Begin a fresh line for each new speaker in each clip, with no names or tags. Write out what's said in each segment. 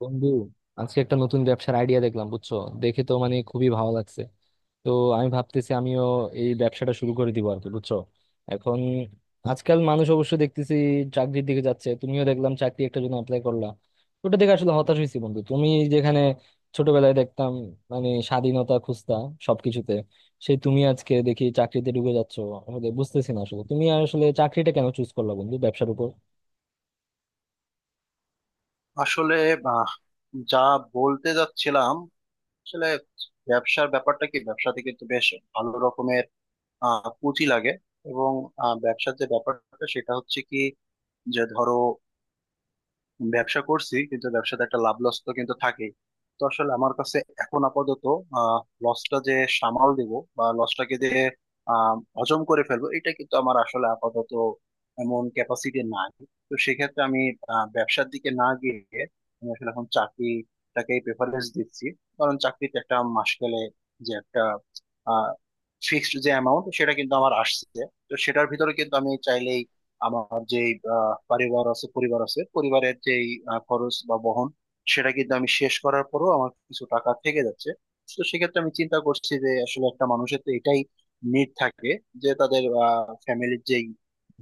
বন্ধু, আজকে একটা নতুন ব্যবসার আইডিয়া দেখলাম, বুঝছো? দেখে তো মানে খুবই ভালো লাগছে। তো আমি ভাবতেছি আমিও এই ব্যবসাটা শুরু করে দিব আর কি, বুঝছো? এখন আজকাল মানুষ অবশ্য দেখতেছি চাকরির দিকে যাচ্ছে, তুমিও দেখলাম চাকরি একটা জন্য অ্যাপ্লাই করলা। ওটা দেখে আসলে হতাশ হয়েছি বন্ধু, তুমি যেখানে ছোটবেলায় দেখতাম মানে স্বাধীনতা খুঁজতা সবকিছুতে, সেই তুমি আজকে দেখি চাকরিতে ঢুকে যাচ্ছো। আসলে বুঝতেছি না আসলে তুমি আসলে চাকরিটা কেন চুজ করলা বন্ধু ব্যবসার উপর।
আসলে আহ, যা বলতে যাচ্ছিলাম। আসলে ব্যবসার ব্যাপারটা কি, ব্যবসাতে কিন্তু বেশ ভালো রকমের পুঁজি লাগে। এবং ব্যবসার যে ব্যাপারটা সেটা হচ্ছে কি, যে ধরো ব্যবসা করছি কিন্তু ব্যবসাতে একটা লাভ লস তো কিন্তু থাকেই। তো আসলে আমার কাছে এখন আপাতত লসটা যে সামাল দেব বা লসটাকে যে হজম করে ফেলবো, এটা কিন্তু আমার আসলে আপাতত এমন ক্যাপাসিটি নাই। তো সেক্ষেত্রে আমি ব্যবসার দিকে না গিয়ে আমি আসলে এখন চাকরিটাকেই প্রেফারেন্স দিচ্ছি। কারণ চাকরিতে একটা মাস গেলে যে একটা ফিক্সড যে অ্যামাউন্ট সেটা কিন্তু আমার আসছে। তো সেটার ভিতরে কিন্তু আমি চাইলেই আমার যে পরিবার আছে পরিবারের যে খরচ বা বহন, সেটা কিন্তু আমি শেষ করার পরও আমার কিছু টাকা থেকে যাচ্ছে। তো সেক্ষেত্রে আমি চিন্তা করছি যে আসলে একটা মানুষের তো এটাই নিড থাকে, যে তাদের ফ্যামিলির যেই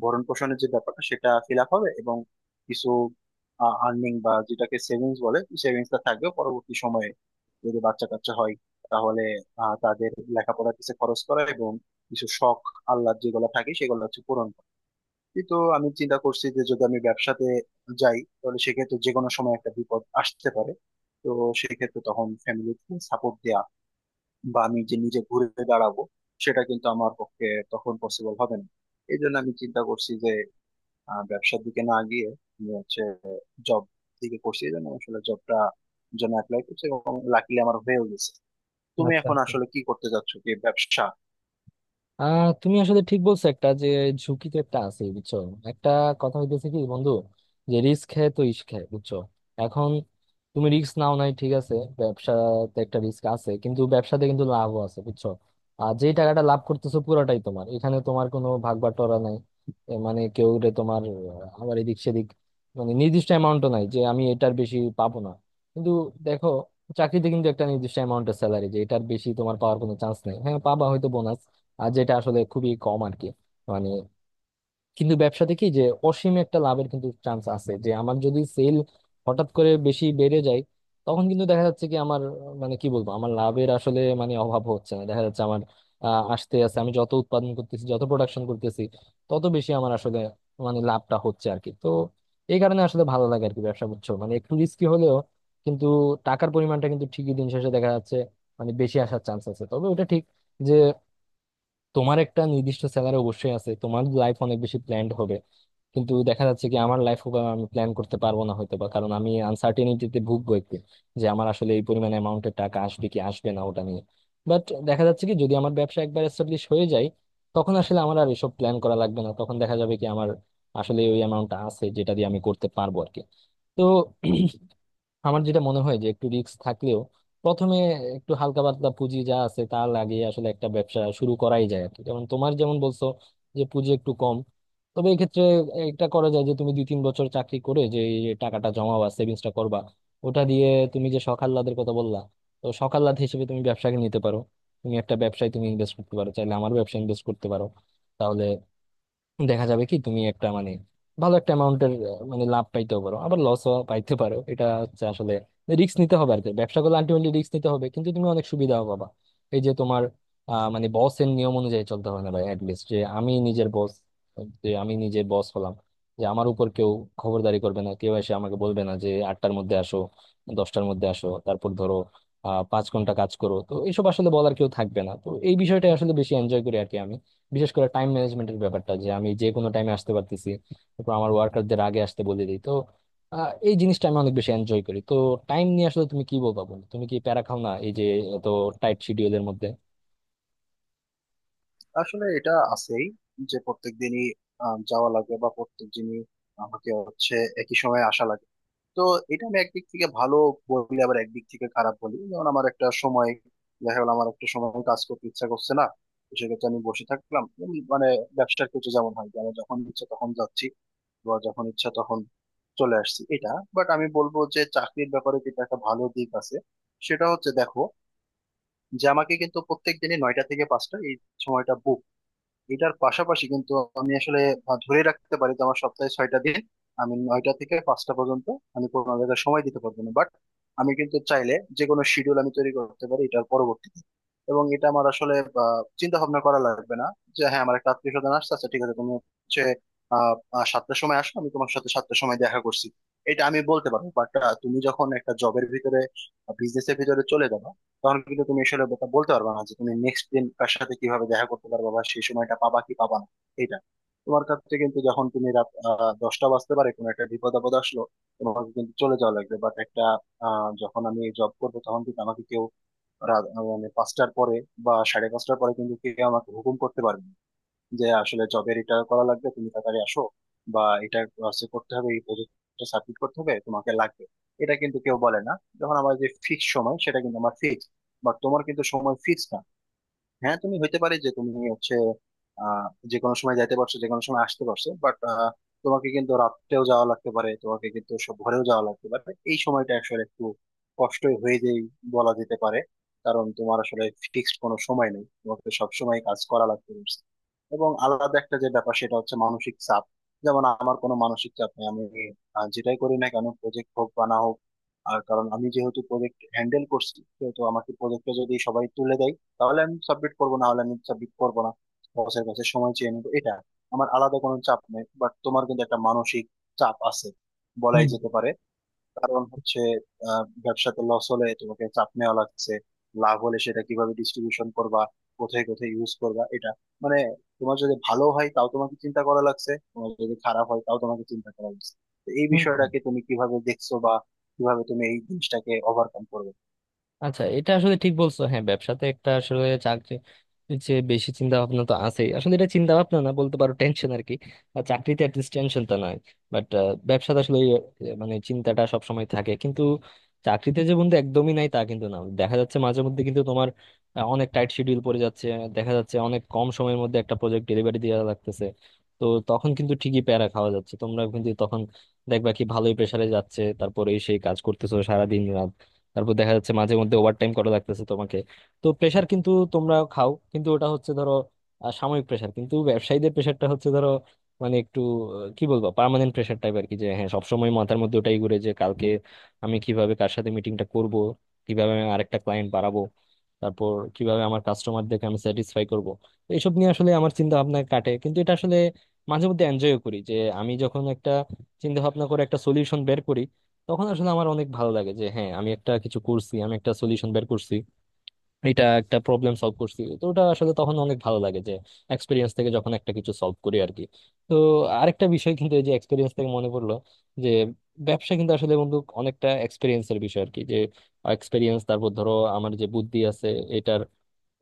ভরণ পোষণের যে ব্যাপারটা সেটা ফিল আপ হবে এবং কিছু আর্নিং বা যেটাকে সেভিংস বলে সেভিংসটা থাকবে। পরবর্তী সময়ে যদি বাচ্চা কাচ্চা হয় তাহলে তাদের লেখাপড়ার কিছু খরচ করা এবং কিছু শখ আহ্লাদ যেগুলো থাকে সেগুলো হচ্ছে পূরণ। এই তো আমি চিন্তা করছি যে যদি আমি ব্যবসাতে যাই তাহলে সেক্ষেত্রে যে কোনো সময় একটা বিপদ আসতে পারে। তো সেক্ষেত্রে তখন ফ্যামিলিকে সাপোর্ট দেয়া বা আমি যে নিজে ঘুরে দাঁড়াবো সেটা কিন্তু আমার পক্ষে তখন পসিবল হবে না। এই জন্য আমি চিন্তা করছি যে ব্যবসার দিকে না গিয়ে আমি হচ্ছে জব দিকে করছি। এই জন্য আসলে জবটা জন্য অ্যাপ্লাই করছি এবং লাকিলি আমার হয়েও গেছে। তুমি
আচ্ছা
এখন
আচ্ছা,
আসলে কি করতে যাচ্ছ, কি ব্যবসা?
তুমি আসলে ঠিক বলছো, একটা যে ঝুঁকি তো একটা আছে বুঝছো। একটা কথা হইতেছে কি বন্ধু, যে রিস্ক হ্যায় তো ইশক হ্যায়, বুঝছো? এখন তুমি রিস্ক নাও নাই ঠিক আছে, ব্যবসাতে একটা রিস্ক আছে কিন্তু ব্যবসাতে কিন্তু লাভও আছে, বুঝছো? আর যে টাকাটা লাভ করতেছো পুরোটাই তোমার, এখানে তোমার কোনো ভাগ বাটোয়ারা নাই। এ মানে কেউ রে তোমার আবার এদিক সেদিক মানে নির্দিষ্ট অ্যামাউন্টও নাই যে আমি এটার বেশি পাবো না। কিন্তু দেখো, চাকরিতে কিন্তু একটা নির্দিষ্ট অ্যামাউন্টের স্যালারি, যে এটার বেশি তোমার পাওয়ার কোনো চান্স নেই। হ্যাঁ পাবা হয়তো বোনাস, আর যেটা আসলে খুবই কম আর কি, মানে। কিন্তু ব্যবসাতে কি, যে অসীম একটা লাভের কিন্তু চান্স আছে, যে আমার যদি সেল হঠাৎ করে বেশি বেড়ে যায়, তখন কিন্তু দেখা যাচ্ছে কি আমার মানে কি বলবো, আমার লাভের আসলে মানে অভাব হচ্ছে না। দেখা যাচ্ছে আমার আসতে আসতে আমি যত উৎপাদন করতেছি, যত প্রোডাকশন করতেছি, তত বেশি আমার আসলে মানে লাভটা হচ্ছে আর কি। তো এই কারণে আসলে ভালো লাগে আর কি ব্যবসা করছো, মানে একটু রিস্কি হলেও কিন্তু টাকার পরিমাণটা কিন্তু ঠিকই দিন শেষে দেখা যাচ্ছে মানে বেশি আসার চান্স আছে। তবে ওটা ঠিক যে তোমার একটা নির্দিষ্ট স্যালারি অবশ্যই আছে, তোমার লাইফ অনেক বেশি প্ল্যান্ড হবে, কিন্তু দেখা যাচ্ছে কি আমার লাইফ আমি প্ল্যান করতে পারবো না হয়তো বা, কারণ আমি আনসার্টেনিটিতে ভুগবো একটু, যে আমার আসলে এই পরিমাণ অ্যামাউন্টের টাকা আসবে কি আসবে না ওটা নিয়ে। বাট দেখা যাচ্ছে কি যদি আমার ব্যবসা একবার এস্টাবলিশ হয়ে যায়, তখন আসলে আমার আর এসব প্ল্যান করা লাগবে না। তখন দেখা যাবে কি আমার আসলে ওই অ্যামাউন্টটা আছে যেটা দিয়ে আমি করতে পারবো আর কি। তো আমার যেটা মনে হয় যে একটু রিস্ক থাকলেও প্রথমে একটু হালকা পাতলা পুঁজি যা আছে তা লাগিয়ে আসলে একটা ব্যবসা শুরু করাই যায় আর কি। যেমন তোমার, যেমন বলছো যে পুঁজি একটু কম, তবে এক্ষেত্রে এটা করা যায় যে তুমি দুই তিন বছর চাকরি করে যে এই টাকাটা জমাবা, সেভিংসটা করবা, ওটা দিয়ে তুমি যে শখ আহ্লাদের কথা বললা, তো শখ আহ্লাদ হিসেবে তুমি ব্যবসাকে নিতে পারো। তুমি একটা ব্যবসায় তুমি ইনভেস্ট করতে পারো, চাইলে আমার ব্যবসায় ইনভেস্ট করতে পারো। তাহলে দেখা যাবে কি তুমি একটা মানে ভালো একটা অ্যামাউন্টের মানে লাভ পাইতেও পারো, আবার লসও পাইতে পারো। এটা হচ্ছে আসলে রিস্ক নিতে হবে আর কি, ব্যবসা করলে আলটিমেটলি রিস্ক নিতে হবে, কিন্তু তুমি অনেক সুবিধাও পাবা। এই যে তোমার মানে বসের নিয়ম অনুযায়ী চলতে হবে না ভাই, অ্যাটলিস্ট যে আমি নিজের বস, যে আমি নিজের বস হলাম, যে আমার উপর কেউ খবরদারি করবে না, কেউ এসে আমাকে বলবে না যে আটটার মধ্যে আসো, দশটার মধ্যে আসো, তারপর ধরো পাঁচ ঘন্টা কাজ করো, তো এইসব আসলে বলার কেউ থাকবে না। তো এই বিষয়টা আসলে বেশি এনজয় করি আর কি আমি, বিশেষ করে টাইম ম্যানেজমেন্টের ব্যাপারটা, যে আমি যে কোনো টাইমে আসতে পারতেছি, তারপর আমার ওয়ার্কারদের আগে আসতে বলে দিই। তো এই জিনিসটা আমি অনেক বেশি এনজয় করি। তো টাইম নিয়ে আসলে তুমি কি বলবা বলো, তুমি কি প্যারা খাও না এই যে এত টাইট শিডিউলের মধ্যে?
আসলে এটা আছেই যে প্রত্যেক দিনই যাওয়া লাগে, বা প্রত্যেক দিনই আমাকে হচ্ছে একই সময় আসা লাগে। তো এটা আমি একদিক থেকে ভালো বলি আবার একদিক থেকে খারাপ বলি। যেমন আমার একটা সময় দেখা গেলো আমার একটা সময় কাজ করতে ইচ্ছা করছে না, তো সেক্ষেত্রে আমি বসে থাকলাম। মানে ব্যবসার কিছু যেমন হয় যে আমি যখন ইচ্ছা তখন যাচ্ছি বা যখন ইচ্ছা তখন চলে আসছি, এটা। বাট আমি বলবো যে চাকরির ব্যাপারে কিন্তু একটা ভালো দিক আছে, সেটা হচ্ছে দেখো যে আমাকে কিন্তু প্রত্যেক দিনই নয়টা থেকে পাঁচটা এই সময়টা। এটার পাশাপাশি কিন্তু আমি আসলে ধরে রাখতে পারি যে আমার সপ্তাহে ছয়টা দিন আমি নয়টা থেকে পাঁচটা পর্যন্ত আমি কোনো জায়গায় সময় দিতে পারবো না, বাট আমি কিন্তু চাইলে যে কোনো শিডিউল আমি তৈরি করতে পারি এটার পরবর্তীতে। এবং এটা আমার আসলে চিন্তা ভাবনা করা লাগবে না। যে হ্যাঁ আমার একটা আত্মীয় স্বজন আসছে, আচ্ছা ঠিক আছে তুমি হচ্ছে আহ আহ, সাতটার সময় আসো, আমি তোমার সাথে সাতটার সময় দেখা করছি, এটা আমি বলতে পারবো। বাট তুমি যখন একটা জবের ভিতরে বিজনেসের ভিতরে চলে যাবা, তখন কিন্তু তুমি আসলে বলতে বলতে পারবে না যে তুমি নেক্সট দিন কার সাথে কিভাবে দেখা করতে পারবা বা সেই সময়টা পাবা কি পাবা না। এটা তোমার কাছে কিন্তু যখন তুমি রাত দশটা বাজতে পারে কোনো একটা বিপদ আপদ আসলো, তোমাকে কিন্তু চলে যাওয়া লাগবে। বাট একটা যখন আমি জব করবো তখন কিন্তু আমাকে কেউ রাত মানে পাঁচটার পরে বা সাড়ে পাঁচটার পরে কিন্তু কেউ আমাকে হুকুম করতে পারবে না। যে আসলে জবের এটা করা লাগবে তুমি তাড়াতাড়ি আসো, বা এটা হচ্ছে করতে হবে এই প্রজেক্টটা সাবমিট করতে হবে তোমাকে লাগবে, এটা কিন্তু কেউ বলে না। যখন আমার যে ফিক্স সময় সেটা কিন্তু আমার ফিক্স, বাট তোমার কিন্তু সময় ফিক্স না। হ্যাঁ তুমি হইতে পারে যে তুমি হচ্ছে আহ যে কোনো সময় যাইতে পারছো যে কোনো সময় আসতে পারছো, বাট তোমাকে কিন্তু রাত্রেও যাওয়া লাগতে পারে, তোমাকে কিন্তু সব ভোরেও যাওয়া লাগতে পারে। এই সময়টা আসলে একটু কষ্টই হয়ে যেই, বলা যেতে পারে। কারণ তোমার আসলে ফিক্সড কোনো সময় নেই, তোমাকে সব সময় কাজ করা লাগতে পারছে। এবং আলাদা একটা যে ব্যাপার সেটা হচ্ছে মানসিক চাপ। যেমন আমার কোনো মানসিক চাপ নেই। আমি যেটাই করি না কেন প্রজেক্ট হোক বা না হোক। আর কারণ আমি যেহেতু প্রজেক্ট হ্যান্ডেল করছি, তো আমাকে প্রজেক্টটা যদি সবাই তুলে দেয় তাহলে আমি সাবমিট করবো, না হলে আমি সাবমিট করবো না। বসের কাছে সময় চেয়ে নেবো, এটা আমার আলাদা কোনো চাপ নেই। বাট তোমার কিন্তু একটা মানসিক চাপ আছে, বলাই
হুম
যেতে পারে। কারণ হচ্ছে ব্যবসাতে লস হলে তোমাকে চাপ নেওয়া লাগছে, লাভ হলে সেটা কিভাবে ডিস্ট্রিবিউশন করবা, কোথায় কোথায় ইউজ করবা, এটা মানে তোমার যদি ভালো হয় তাও তোমাকে চিন্তা করা লাগছে, তোমার যদি খারাপ হয় তাও তোমাকে চিন্তা করা লাগছে। তো এই
হুম হুম।
বিষয়টাকে তুমি কিভাবে দেখছো বা কিভাবে তুমি এই জিনিসটাকে ওভারকাম করবে?
আচ্ছা, এটা আসলে ঠিক বলছো, হ্যাঁ ব্যবসাতে একটা আসলে চাকরি যে বেশি চিন্তা ভাবনা তো আছেই, আসলে এটা চিন্তা ভাবনা না বলতে পারো টেনশন আর কি। আর চাকরিতে অ্যাটলিস্ট টেনশনটা নাই, বাট ব্যবসাতে আসলে মানে চিন্তাটা সব সময় থাকে। কিন্তু চাকরিতে যে বন্ধু একদমই নাই তা কিন্তু না, দেখা যাচ্ছে মাঝে মধ্যে কিন্তু তোমার অনেক টাইট শিডিউল পড়ে যাচ্ছে, দেখা যাচ্ছে অনেক কম সময়ের মধ্যে একটা প্রজেক্ট ডেলিভারি দেওয়া লাগতেছে। তো তখন কিন্তু ঠিকই প্যারা খাওয়া যাচ্ছে তোমরা, কিন্তু তখন দেখবা কি ভালোই প্রেসারে যাচ্ছে, তারপরে সেই কাজ করতেছো সারাদিন, তারপর দেখা যাচ্ছে মাঝে মধ্যে ওভারটাইম করা লাগতেছে তোমাকে। তো প্রেশার কিন্তু তোমরা খাও, কিন্তু ওটা হচ্ছে ধরো সাময়িক প্রেশার। কিন্তু ব্যবসায়ীদের প্রেশারটা হচ্ছে ধরো মানে একটু কি বলবো, পার্মানেন্ট প্রেশার টাইপ আর কি। যে হ্যাঁ, সবসময় মাথার মধ্যে ওটাই ঘুরে, যে কালকে আমি কিভাবে কার সাথে মিটিংটা করব, কিভাবে আমি আরেকটা ক্লায়েন্ট বাড়াবো, তারপর কিভাবে আমার কাস্টমারদেরকে আমি স্যাটিসফাই করব, এইসব নিয়ে আসলে আমার চিন্তা ভাবনা কাটে। কিন্তু এটা আসলে মাঝে মধ্যে এনজয় করি, যে আমি যখন একটা চিন্তা ভাবনা করে একটা সলিউশন বের করি, তখন আসলে আমার অনেক ভালো লাগে যে হ্যাঁ আমি একটা কিছু করছি, আমি একটা সলিউশন বের করছি, এটা একটা প্রবলেম সলভ করছি। তো ওটা আসলে তখন অনেক ভালো লাগে, যে এক্সপিরিয়েন্স থেকে যখন একটা কিছু সলভ করি আর কি। তো আরেকটা বিষয় কিন্তু এই যে এক্সপিরিয়েন্স থেকে মনে পড়লো, যে ব্যবসা কিন্তু আসলে বন্ধু অনেকটা এক্সপিরিয়েন্সের বিষয় আর কি। যে এক্সপিরিয়েন্স, তারপর ধরো আমার যে বুদ্ধি আছে, এটার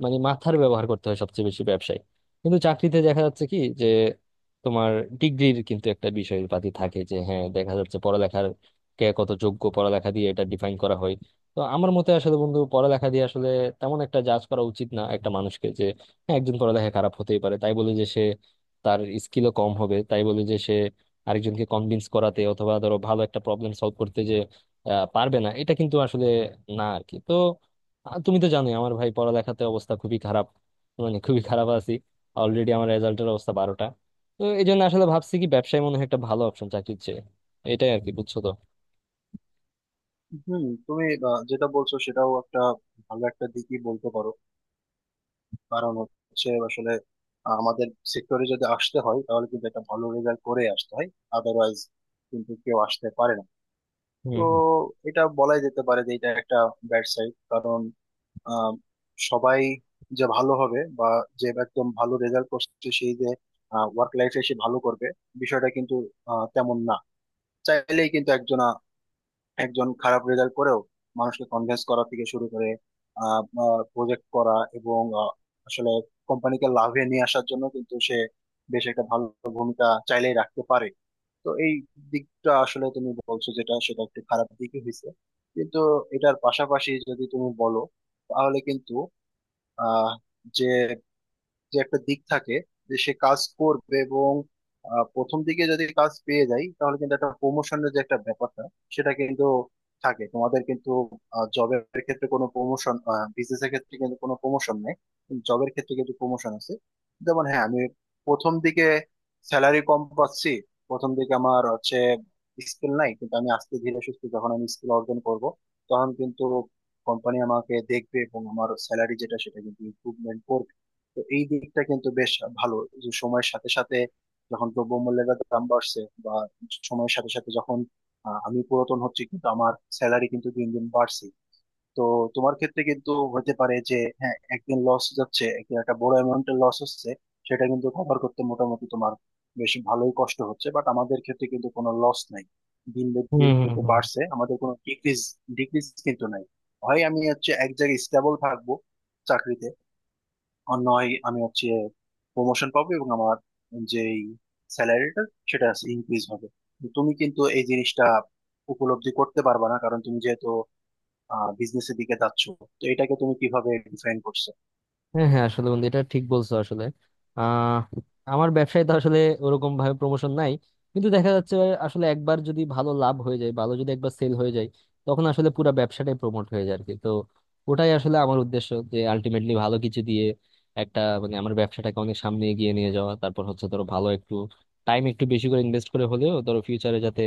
মানে মাথার ব্যবহার করতে হয় সবচেয়ে বেশি ব্যবসায়। কিন্তু চাকরিতে দেখা যাচ্ছে কি যে তোমার ডিগ্রির কিন্তু একটা বিষয় পাতি থাকে, যে হ্যাঁ, দেখা যাচ্ছে পড়ালেখার কে কত যোগ্য পড়ালেখা দিয়ে এটা ডিফাইন করা হয়। তো আমার মতে আসলে বন্ধু পড়ালেখা দিয়ে আসলে তেমন একটা জাজ করা উচিত না একটা মানুষকে। যে হ্যাঁ, একজন পড়ালেখা খারাপ হতেই পারে, তাই বলে যে সে তার স্কিলও কম হবে, তাই বলে যে সে আরেকজনকে কনভিন্স করাতে অথবা ধরো ভালো একটা প্রবলেম সলভ করতে যে পারবে না, এটা কিন্তু আসলে না আর কি। তো আর তুমি তো জানোই আমার ভাই পড়ালেখাতে অবস্থা খুবই খারাপ, মানে খুবই খারাপ আছি। অলরেডি আমার রেজাল্টের অবস্থা বারোটা। তো এই জন্য আসলে ভাবছি কি ব্যবসায় মনে হয় একটা ভালো অপশন চাকরির চেয়ে, এটাই আর কি, বুঝছো? তো
হুম, তুমি যেটা বলছো সেটাও একটা ভালো একটা দিকই বলতে পারো। কারণ হচ্ছে আসলে আমাদের সেক্টরে যদি আসতে হয় তাহলে কিন্তু একটা ভালো রেজাল্ট করে আসতে হয়, আদারওয়াইজ কিন্তু কেউ আসতে পারে না।
হুম
তো
হুম
এটা বলাই যেতে পারে যে এটা একটা ব্যাড সাইড। কারণ আহ, সবাই যে ভালো হবে বা যে একদম ভালো রেজাল্ট করছে সেই যে ওয়ার্ক লাইফে সে ভালো করবে, বিষয়টা কিন্তু তেমন না। চাইলেই কিন্তু একজন একজন খারাপ রেজাল্ট করেও মানুষকে কনভিন্স করা থেকে শুরু করে প্রজেক্ট করা এবং আসলে কোম্পানিকে লাভে নিয়ে আসার জন্য কিন্তু সে বেশ একটা ভালো ভূমিকা চাইলেই রাখতে পারে। তো এই দিকটা আসলে তুমি বলছো যেটা সেটা একটু খারাপ দিকই হয়েছে। কিন্তু এটার পাশাপাশি যদি তুমি বলো তাহলে কিন্তু আহ যে যে একটা দিক থাকে যে সে কাজ করবে এবং প্রথম দিকে যদি কাজ পেয়ে যায় তাহলে কিন্তু একটা প্রমোশনের যে একটা ব্যাপারটা সেটা কিন্তু থাকে। তোমাদের কিন্তু জবের ক্ষেত্রে কোনো প্রমোশন, বিজনেসের ক্ষেত্রে কিন্তু কোনো প্রমোশন নেই, জবের ক্ষেত্রে কিন্তু প্রমোশন আছে। যেমন হ্যাঁ আমি প্রথম দিকে স্যালারি কম পাচ্ছি, প্রথম দিকে আমার হচ্ছে স্কিল নাই, কিন্তু আমি আস্তে ধীরে সুস্থে যখন আমি স্কিল অর্জন করব তখন কিন্তু কোম্পানি আমাকে দেখবে এবং আমার স্যালারি যেটা সেটা কিন্তু ইমপ্রুভমেন্ট করবে। তো এই দিকটা কিন্তু বেশ ভালো, যে সময়ের সাথে সাথে যখন দ্রব্যমূল্যের দাম বাড়ছে বা সময়ের সাথে সাথে যখন আমি পুরাতন হচ্ছি কিন্তু আমার স্যালারি কিন্তু দিন দিন বাড়ছে। তো তোমার ক্ষেত্রে কিন্তু হতে পারে যে হ্যাঁ একদিন লস যাচ্ছে, একদিন একটা বড় অ্যামাউন্টের লস হচ্ছে, সেটা কিন্তু কভার করতে মোটামুটি তোমার বেশ ভালোই কষ্ট হচ্ছে। বাট আমাদের ক্ষেত্রে কিন্তু কোনো লস নাই, দিন বে
হুম
দিন
হুম
কিন্তু
হুম।
বাড়ছে, আমাদের কোনো ডিক্রিজ ডিক্রিজ কিন্তু নাই। হয় আমি হচ্ছে এক জায়গায় স্টেবল থাকবো চাকরিতে, আর নয় আমি হচ্ছে প্রমোশন পাবো এবং আমার যেই স্যালারিটা সেটা ইনক্রিজ হবে। তুমি কিন্তু এই জিনিসটা উপলব্ধি করতে পারবা না কারণ তুমি যেহেতু বিজনেসের দিকে যাচ্ছ, তো এটাকে তুমি কিভাবে ডিফাইন করছো?
হ্যাঁ হ্যাঁ, আসলে বন্ধু এটা ঠিক বলছো আসলে। আহ আমার ব্যবসায় তো আসলে ওরকম ভাবে প্রমোশন নাই, কিন্তু দেখা যাচ্ছে আসলে একবার যদি ভালো লাভ হয়ে যায়, ভালো যদি একবার সেল হয়ে যায়, তখন আসলে পুরো ব্যবসাটাই প্রমোট হয়ে যায় আর কি। তো ওটাই আসলে আমার উদ্দেশ্য, যে আলটিমেটলি ভালো কিছু দিয়ে একটা মানে আমার ব্যবসাটাকে অনেক সামনে এগিয়ে নিয়ে যাওয়া, তারপর হচ্ছে ধরো ভালো একটু টাইম একটু বেশি করে ইনভেস্ট করে হলেও ধরো ফিউচারে যাতে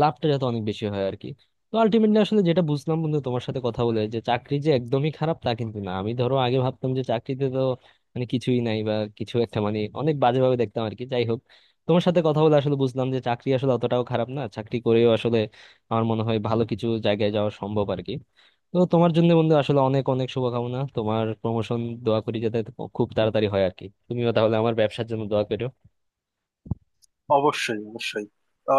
লাভটা যাতে অনেক বেশি হয় আর কি। তো আলটিমেটলি আসলে যেটা বুঝলাম বন্ধু তোমার সাথে কথা বলে, যে চাকরি যে একদমই খারাপ তা কিন্তু না। আমি ধরো আগে ভাবতাম যে চাকরিতে তো মানে কিছুই নাই, বা কিছু একটা মানে অনেক বাজেভাবে দেখতাম আর কি। যাই হোক, তোমার সাথে কথা বলে আসলে বুঝলাম যে চাকরি আসলে অতটাও খারাপ না, চাকরি করেও আসলে আমার মনে হয় ভালো কিছু জায়গায় যাওয়া সম্ভব আর কি। তো তোমার জন্য বন্ধু আসলে অনেক অনেক শুভকামনা, তোমার প্রমোশন দোয়া করি যাতে খুব তাড়াতাড়ি হয় আর কি। তুমিও তাহলে আমার ব্যবসার জন্য দোয়া করো।
অবশ্যই, অবশ্যই। তাহলে